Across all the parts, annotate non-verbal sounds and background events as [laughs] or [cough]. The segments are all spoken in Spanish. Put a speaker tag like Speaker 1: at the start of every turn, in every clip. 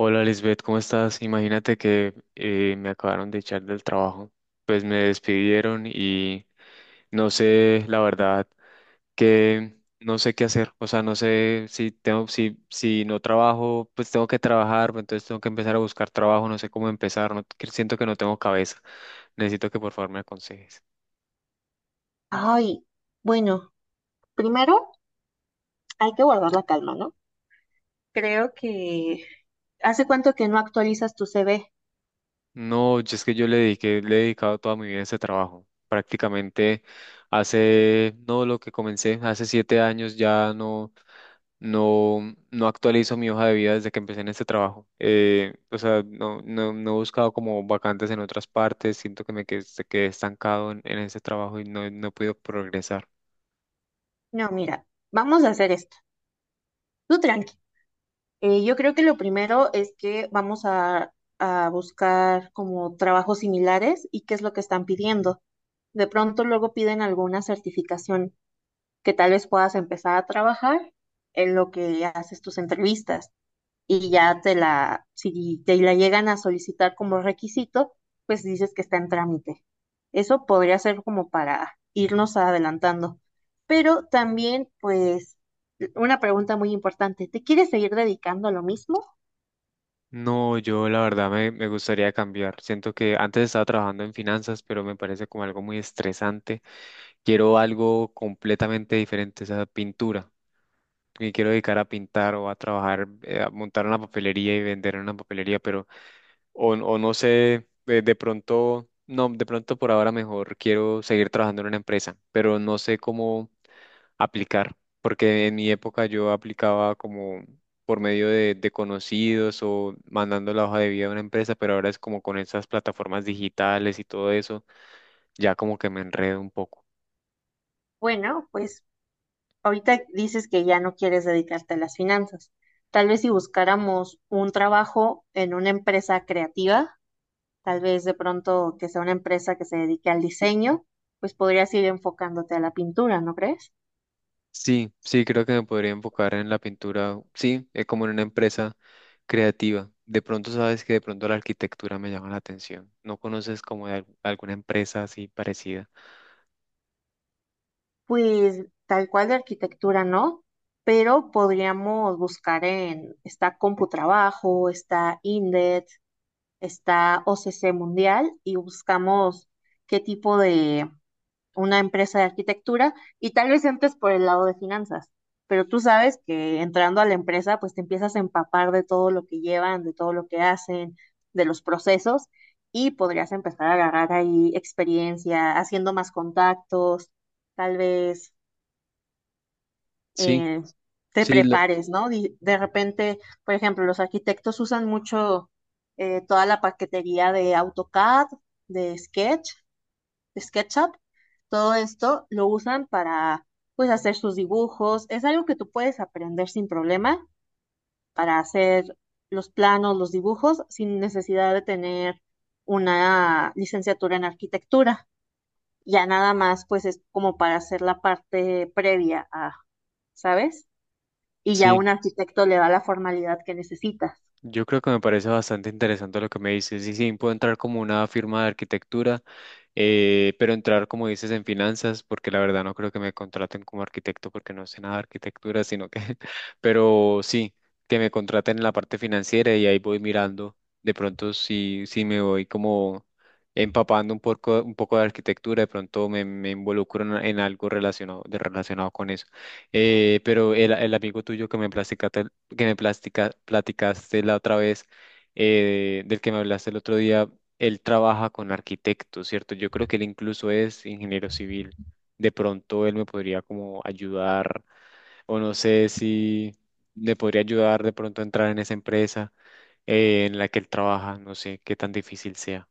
Speaker 1: Hola Lisbeth, ¿cómo estás? Imagínate que me acabaron de echar del trabajo. Pues me despidieron y no sé, la verdad, que no sé qué hacer. O sea, no sé si tengo, si, si no trabajo, pues tengo que trabajar, pues entonces tengo que empezar a buscar trabajo, no sé cómo empezar, no, que siento que no tengo cabeza. Necesito que por favor me aconsejes.
Speaker 2: Ay, bueno, primero hay que guardar la calma, ¿no? Creo que... ¿Hace cuánto que no actualizas tu CV?
Speaker 1: No, yo es que yo le dediqué, le he dedicado toda mi vida a ese trabajo. Prácticamente hace, no lo que comencé, hace 7 años ya no, no, no actualizo mi hoja de vida desde que empecé en este trabajo. O sea, no, no, no he buscado como vacantes en otras partes, siento que me quedé, quedé estancado en ese trabajo y no, no he podido progresar.
Speaker 2: No, mira, vamos a hacer esto. Tú tranqui. Yo creo que lo primero es que vamos a buscar como trabajos similares y qué es lo que están pidiendo. De pronto luego piden alguna certificación que tal vez puedas empezar a trabajar en lo que haces tus entrevistas. Si te la llegan a solicitar como requisito, pues dices que está en trámite. Eso podría ser como para irnos adelantando. Pero también, pues, una pregunta muy importante, ¿te quieres seguir dedicando a lo mismo?
Speaker 1: No, yo la verdad me, me gustaría cambiar. Siento que antes estaba trabajando en finanzas, pero me parece como algo muy estresante. Quiero algo completamente diferente, o sea, pintura. Me quiero dedicar a pintar o a trabajar, a montar una papelería y vender en una papelería, pero o no sé, de pronto, no, de pronto por ahora mejor quiero seguir trabajando en una empresa, pero no sé cómo aplicar, porque en mi época yo aplicaba como por medio de conocidos o mandando la hoja de vida a una empresa, pero ahora es como con esas plataformas digitales y todo eso, ya como que me enredo un poco.
Speaker 2: Bueno, pues ahorita dices que ya no quieres dedicarte a las finanzas. Tal vez si buscáramos un trabajo en una empresa creativa, tal vez de pronto que sea una empresa que se dedique al diseño, pues podrías ir enfocándote a la pintura, ¿no crees?
Speaker 1: Sí, sí, creo que me podría enfocar en la pintura, sí, es como en una empresa creativa. De pronto sabes que de pronto la arquitectura me llama la atención. ¿No conoces como de alguna empresa así parecida?
Speaker 2: Pues tal cual de arquitectura no, pero podríamos buscar en, está Computrabajo, está Indeed, está OCC Mundial y buscamos qué tipo de una empresa de arquitectura y tal vez entres por el lado de finanzas, pero tú sabes que entrando a la empresa, pues te empiezas a empapar de todo lo que llevan, de todo lo que hacen, de los procesos y podrías empezar a agarrar ahí experiencia, haciendo más contactos, tal vez
Speaker 1: Sí,
Speaker 2: eh, te
Speaker 1: sí,
Speaker 2: prepares, ¿no? De repente, por ejemplo, los arquitectos usan mucho toda la paquetería de AutoCAD, de Sketch, de SketchUp todo esto lo usan para, pues, hacer sus dibujos. Es algo que tú puedes aprender sin problema para hacer los planos, los dibujos, sin necesidad de tener una licenciatura en arquitectura. Ya nada más, pues, es como para hacer la parte previa a, ¿sabes? Y ya
Speaker 1: sí.
Speaker 2: un arquitecto le da la formalidad que necesitas.
Speaker 1: Yo creo que me parece bastante interesante lo que me dices. Y sí, puedo entrar como una firma de arquitectura, pero entrar, como dices, en finanzas, porque la verdad no creo que me contraten como arquitecto porque no sé nada de arquitectura, sino que, [laughs] pero sí, que me contraten en la parte financiera y ahí voy mirando. De pronto, sí, sí me voy como empapando un poco de arquitectura, de pronto me, me involucro en algo relacionado, relacionado con eso. Pero el amigo tuyo que me platicaste, que me platicaste la otra vez, del que me hablaste el otro día, él trabaja con arquitectos, ¿cierto? Yo creo que él incluso es ingeniero civil. De pronto él me podría como ayudar, o no sé si le podría ayudar de pronto a entrar en esa empresa, en la que él trabaja, no sé qué tan difícil sea.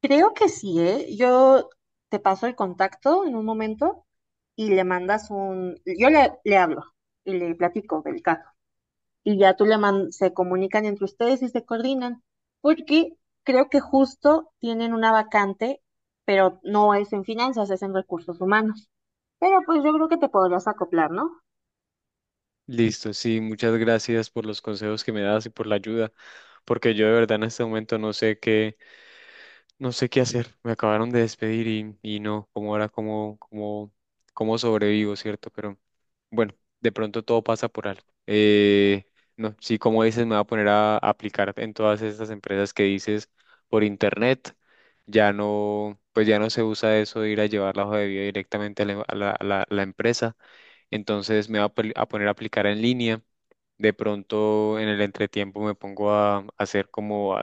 Speaker 2: Creo que sí, ¿eh? Yo te paso el contacto en un momento y le mandas un, yo le hablo y le platico del caso. Y ya tú se comunican entre ustedes y se coordinan, porque creo que justo tienen una vacante, pero no es en finanzas, es en recursos humanos. Pero pues yo creo que te podrías acoplar, ¿no?
Speaker 1: Listo, sí, muchas gracias por los consejos que me das y por la ayuda, porque yo de verdad en este momento no sé qué. No sé qué hacer, me acabaron de despedir y no, como ahora, como, como, como sobrevivo, ¿cierto? Pero bueno, de pronto todo pasa por algo. No, sí, como dices, me voy a poner a aplicar en todas estas empresas que dices por internet. Ya no, pues ya no se usa eso de ir a llevar la hoja de vida directamente a la, a la empresa. Entonces me voy a a poner a aplicar en línea. De pronto en el entretiempo me pongo a hacer como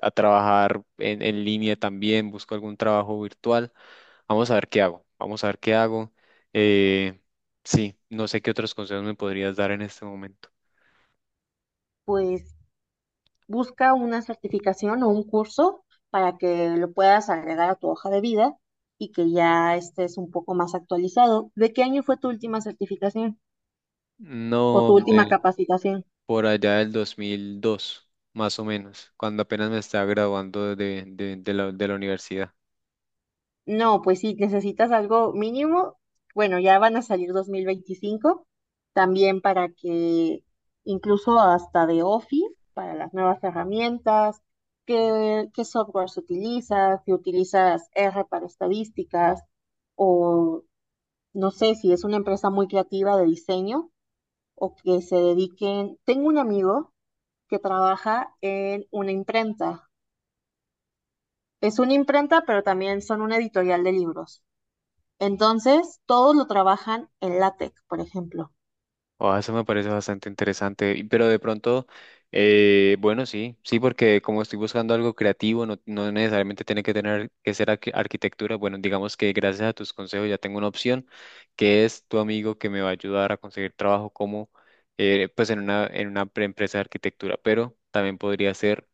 Speaker 1: a trabajar en línea también, busco algún trabajo virtual. Vamos a ver qué hago, vamos a ver qué hago. Eh, sí, no sé qué otros consejos me podrías dar en este momento.
Speaker 2: Pues busca una certificación o un curso para que lo puedas agregar a tu hoja de vida y que ya estés un poco más actualizado. ¿De qué año fue tu última certificación o
Speaker 1: No,
Speaker 2: tu última
Speaker 1: de
Speaker 2: capacitación?
Speaker 1: por allá del 2002 más o menos, cuando apenas me estaba graduando de, de la universidad.
Speaker 2: No, pues sí, necesitas algo mínimo. Bueno, ya van a salir 2025, también para que incluso hasta de Office, para las nuevas herramientas, qué softwares utilizas, si utilizas R para estadísticas, o no sé si es una empresa muy creativa de diseño o que se dediquen. Tengo un amigo que trabaja en una imprenta. Es una imprenta, pero también son una editorial de libros. Entonces, todos lo trabajan en látex, por ejemplo.
Speaker 1: Oh, eso me parece bastante interesante, pero de pronto, bueno, sí, sí, porque como estoy buscando algo creativo, no, no necesariamente tiene que tener que ser arquitectura. Bueno, digamos que gracias a tus consejos ya tengo una opción, que es tu amigo que me va a ayudar a conseguir trabajo como, pues en una empresa de arquitectura, pero también podría ser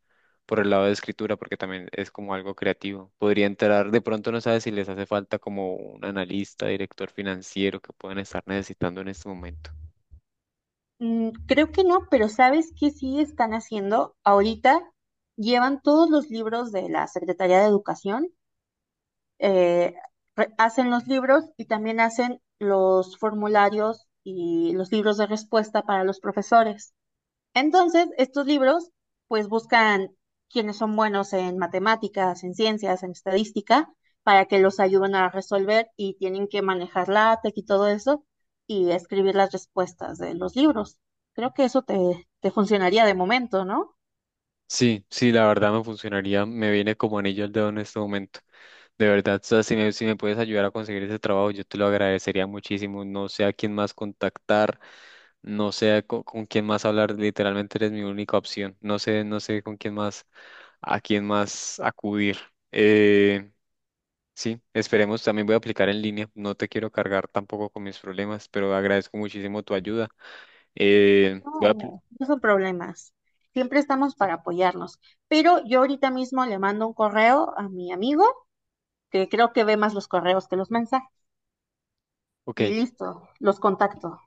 Speaker 1: por el lado de escritura, porque también es como algo creativo. Podría entrar, de pronto no sabes si les hace falta como un analista, director financiero que pueden estar necesitando en este momento.
Speaker 2: Creo que no, pero ¿sabes qué sí están haciendo? Ahorita llevan todos los libros de la Secretaría de Educación, eh, hacen los libros y también hacen los formularios y los libros de respuesta para los profesores. Entonces, estos libros pues buscan quienes son buenos en matemáticas, en ciencias, en estadística, para que los ayuden a resolver y tienen que manejar la LaTeX y todo eso y escribir las respuestas de los libros. Creo que eso te funcionaría de momento, ¿no?
Speaker 1: Sí, sí, la verdad me funcionaría, me viene como anillo al dedo en este momento. De verdad, o sea, si me, si me puedes ayudar a conseguir ese trabajo, yo te lo agradecería muchísimo. No sé a quién más contactar, no sé a con, quién más hablar, literalmente eres mi única opción. No sé, no sé con quién más, a quién más acudir. Eh, sí, esperemos, también voy a aplicar en línea. No te quiero cargar tampoco con mis problemas, pero agradezco muchísimo tu ayuda. Voy a
Speaker 2: No, no son problemas. Siempre estamos para apoyarnos. Pero yo ahorita mismo le mando un correo a mi amigo, que creo que ve más los correos que los mensajes.
Speaker 1: ok,
Speaker 2: Y listo, los contacto.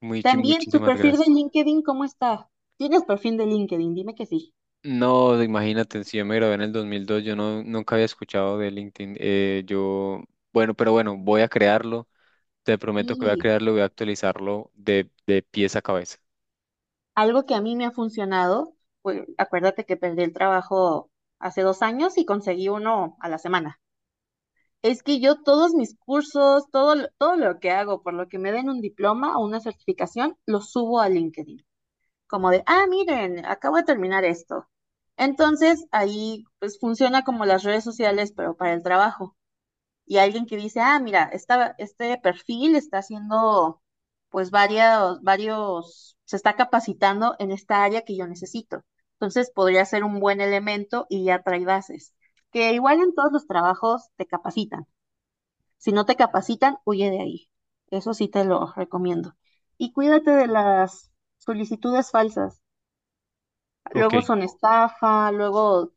Speaker 2: También tu
Speaker 1: muchísimas
Speaker 2: perfil de
Speaker 1: gracias.
Speaker 2: LinkedIn, ¿cómo está? ¿Tienes perfil de LinkedIn? Dime que sí.
Speaker 1: No, imagínate, si yo me grabé en el 2002, yo no, nunca había escuchado de LinkedIn. Yo, bueno, pero bueno, voy a crearlo. Te prometo que voy a
Speaker 2: Y
Speaker 1: crearlo, voy a actualizarlo de pies a cabeza.
Speaker 2: algo que a mí me ha funcionado, pues acuérdate que perdí el trabajo hace 2 años y conseguí uno a la semana. Es que yo todos mis cursos, todo, todo lo que hago, por lo que me den un diploma o una certificación, lo subo a LinkedIn. Como de, ah, miren, acabo de terminar esto. Entonces, ahí pues funciona como las redes sociales, pero para el trabajo. Y alguien que dice, ah, mira, este perfil está haciendo pues varios, varios, se está capacitando en esta área que yo necesito. Entonces podría ser un buen elemento y ya trae bases. Que igual en todos los trabajos te capacitan. Si no te capacitan, huye de ahí. Eso sí te lo recomiendo. Y cuídate de las solicitudes falsas.
Speaker 1: Ok.
Speaker 2: Luego son estafa, luego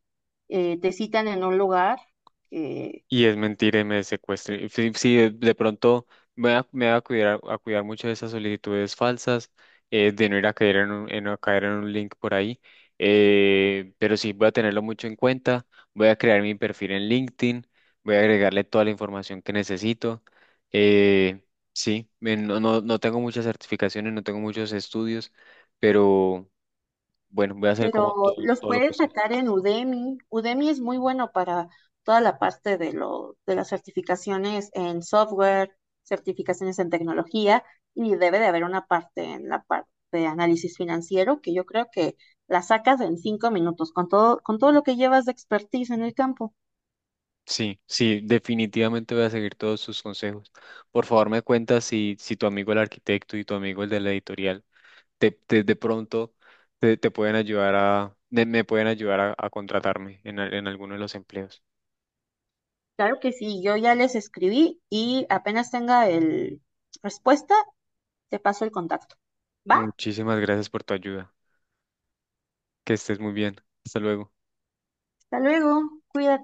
Speaker 2: te citan en un lugar eh,
Speaker 1: Y es mentira y me secuestre. Sí, sí, de pronto me voy a cuidar mucho de esas solicitudes falsas, de no ir a caer en un, a caer en un link por ahí. Pero sí, voy a tenerlo mucho en cuenta. Voy a crear mi perfil en LinkedIn. Voy a agregarle toda la información que necesito. Eh, sí, no, no, no tengo muchas certificaciones, no tengo muchos estudios, pero bueno, voy a hacer como todo,
Speaker 2: Pero los
Speaker 1: todo lo
Speaker 2: puedes
Speaker 1: posible.
Speaker 2: sacar en Udemy. Udemy es muy bueno para toda la parte de las certificaciones en software, certificaciones en tecnología, y debe de haber una parte en la parte de análisis financiero que yo creo que la sacas en 5 minutos con todo lo que llevas de expertise en el campo.
Speaker 1: Sí, sí, definitivamente voy a seguir todos sus consejos. Por favor, me cuentas si, si tu amigo el arquitecto y tu amigo el de la editorial te, de pronto te, te pueden ayudar a, me pueden ayudar a contratarme en, en alguno de los empleos.
Speaker 2: Claro que sí, yo ya les escribí y apenas tenga el respuesta, te paso el contacto. ¿Va?
Speaker 1: Muchísimas gracias por tu ayuda. Que estés muy bien. Hasta luego.
Speaker 2: Hasta luego, cuídate.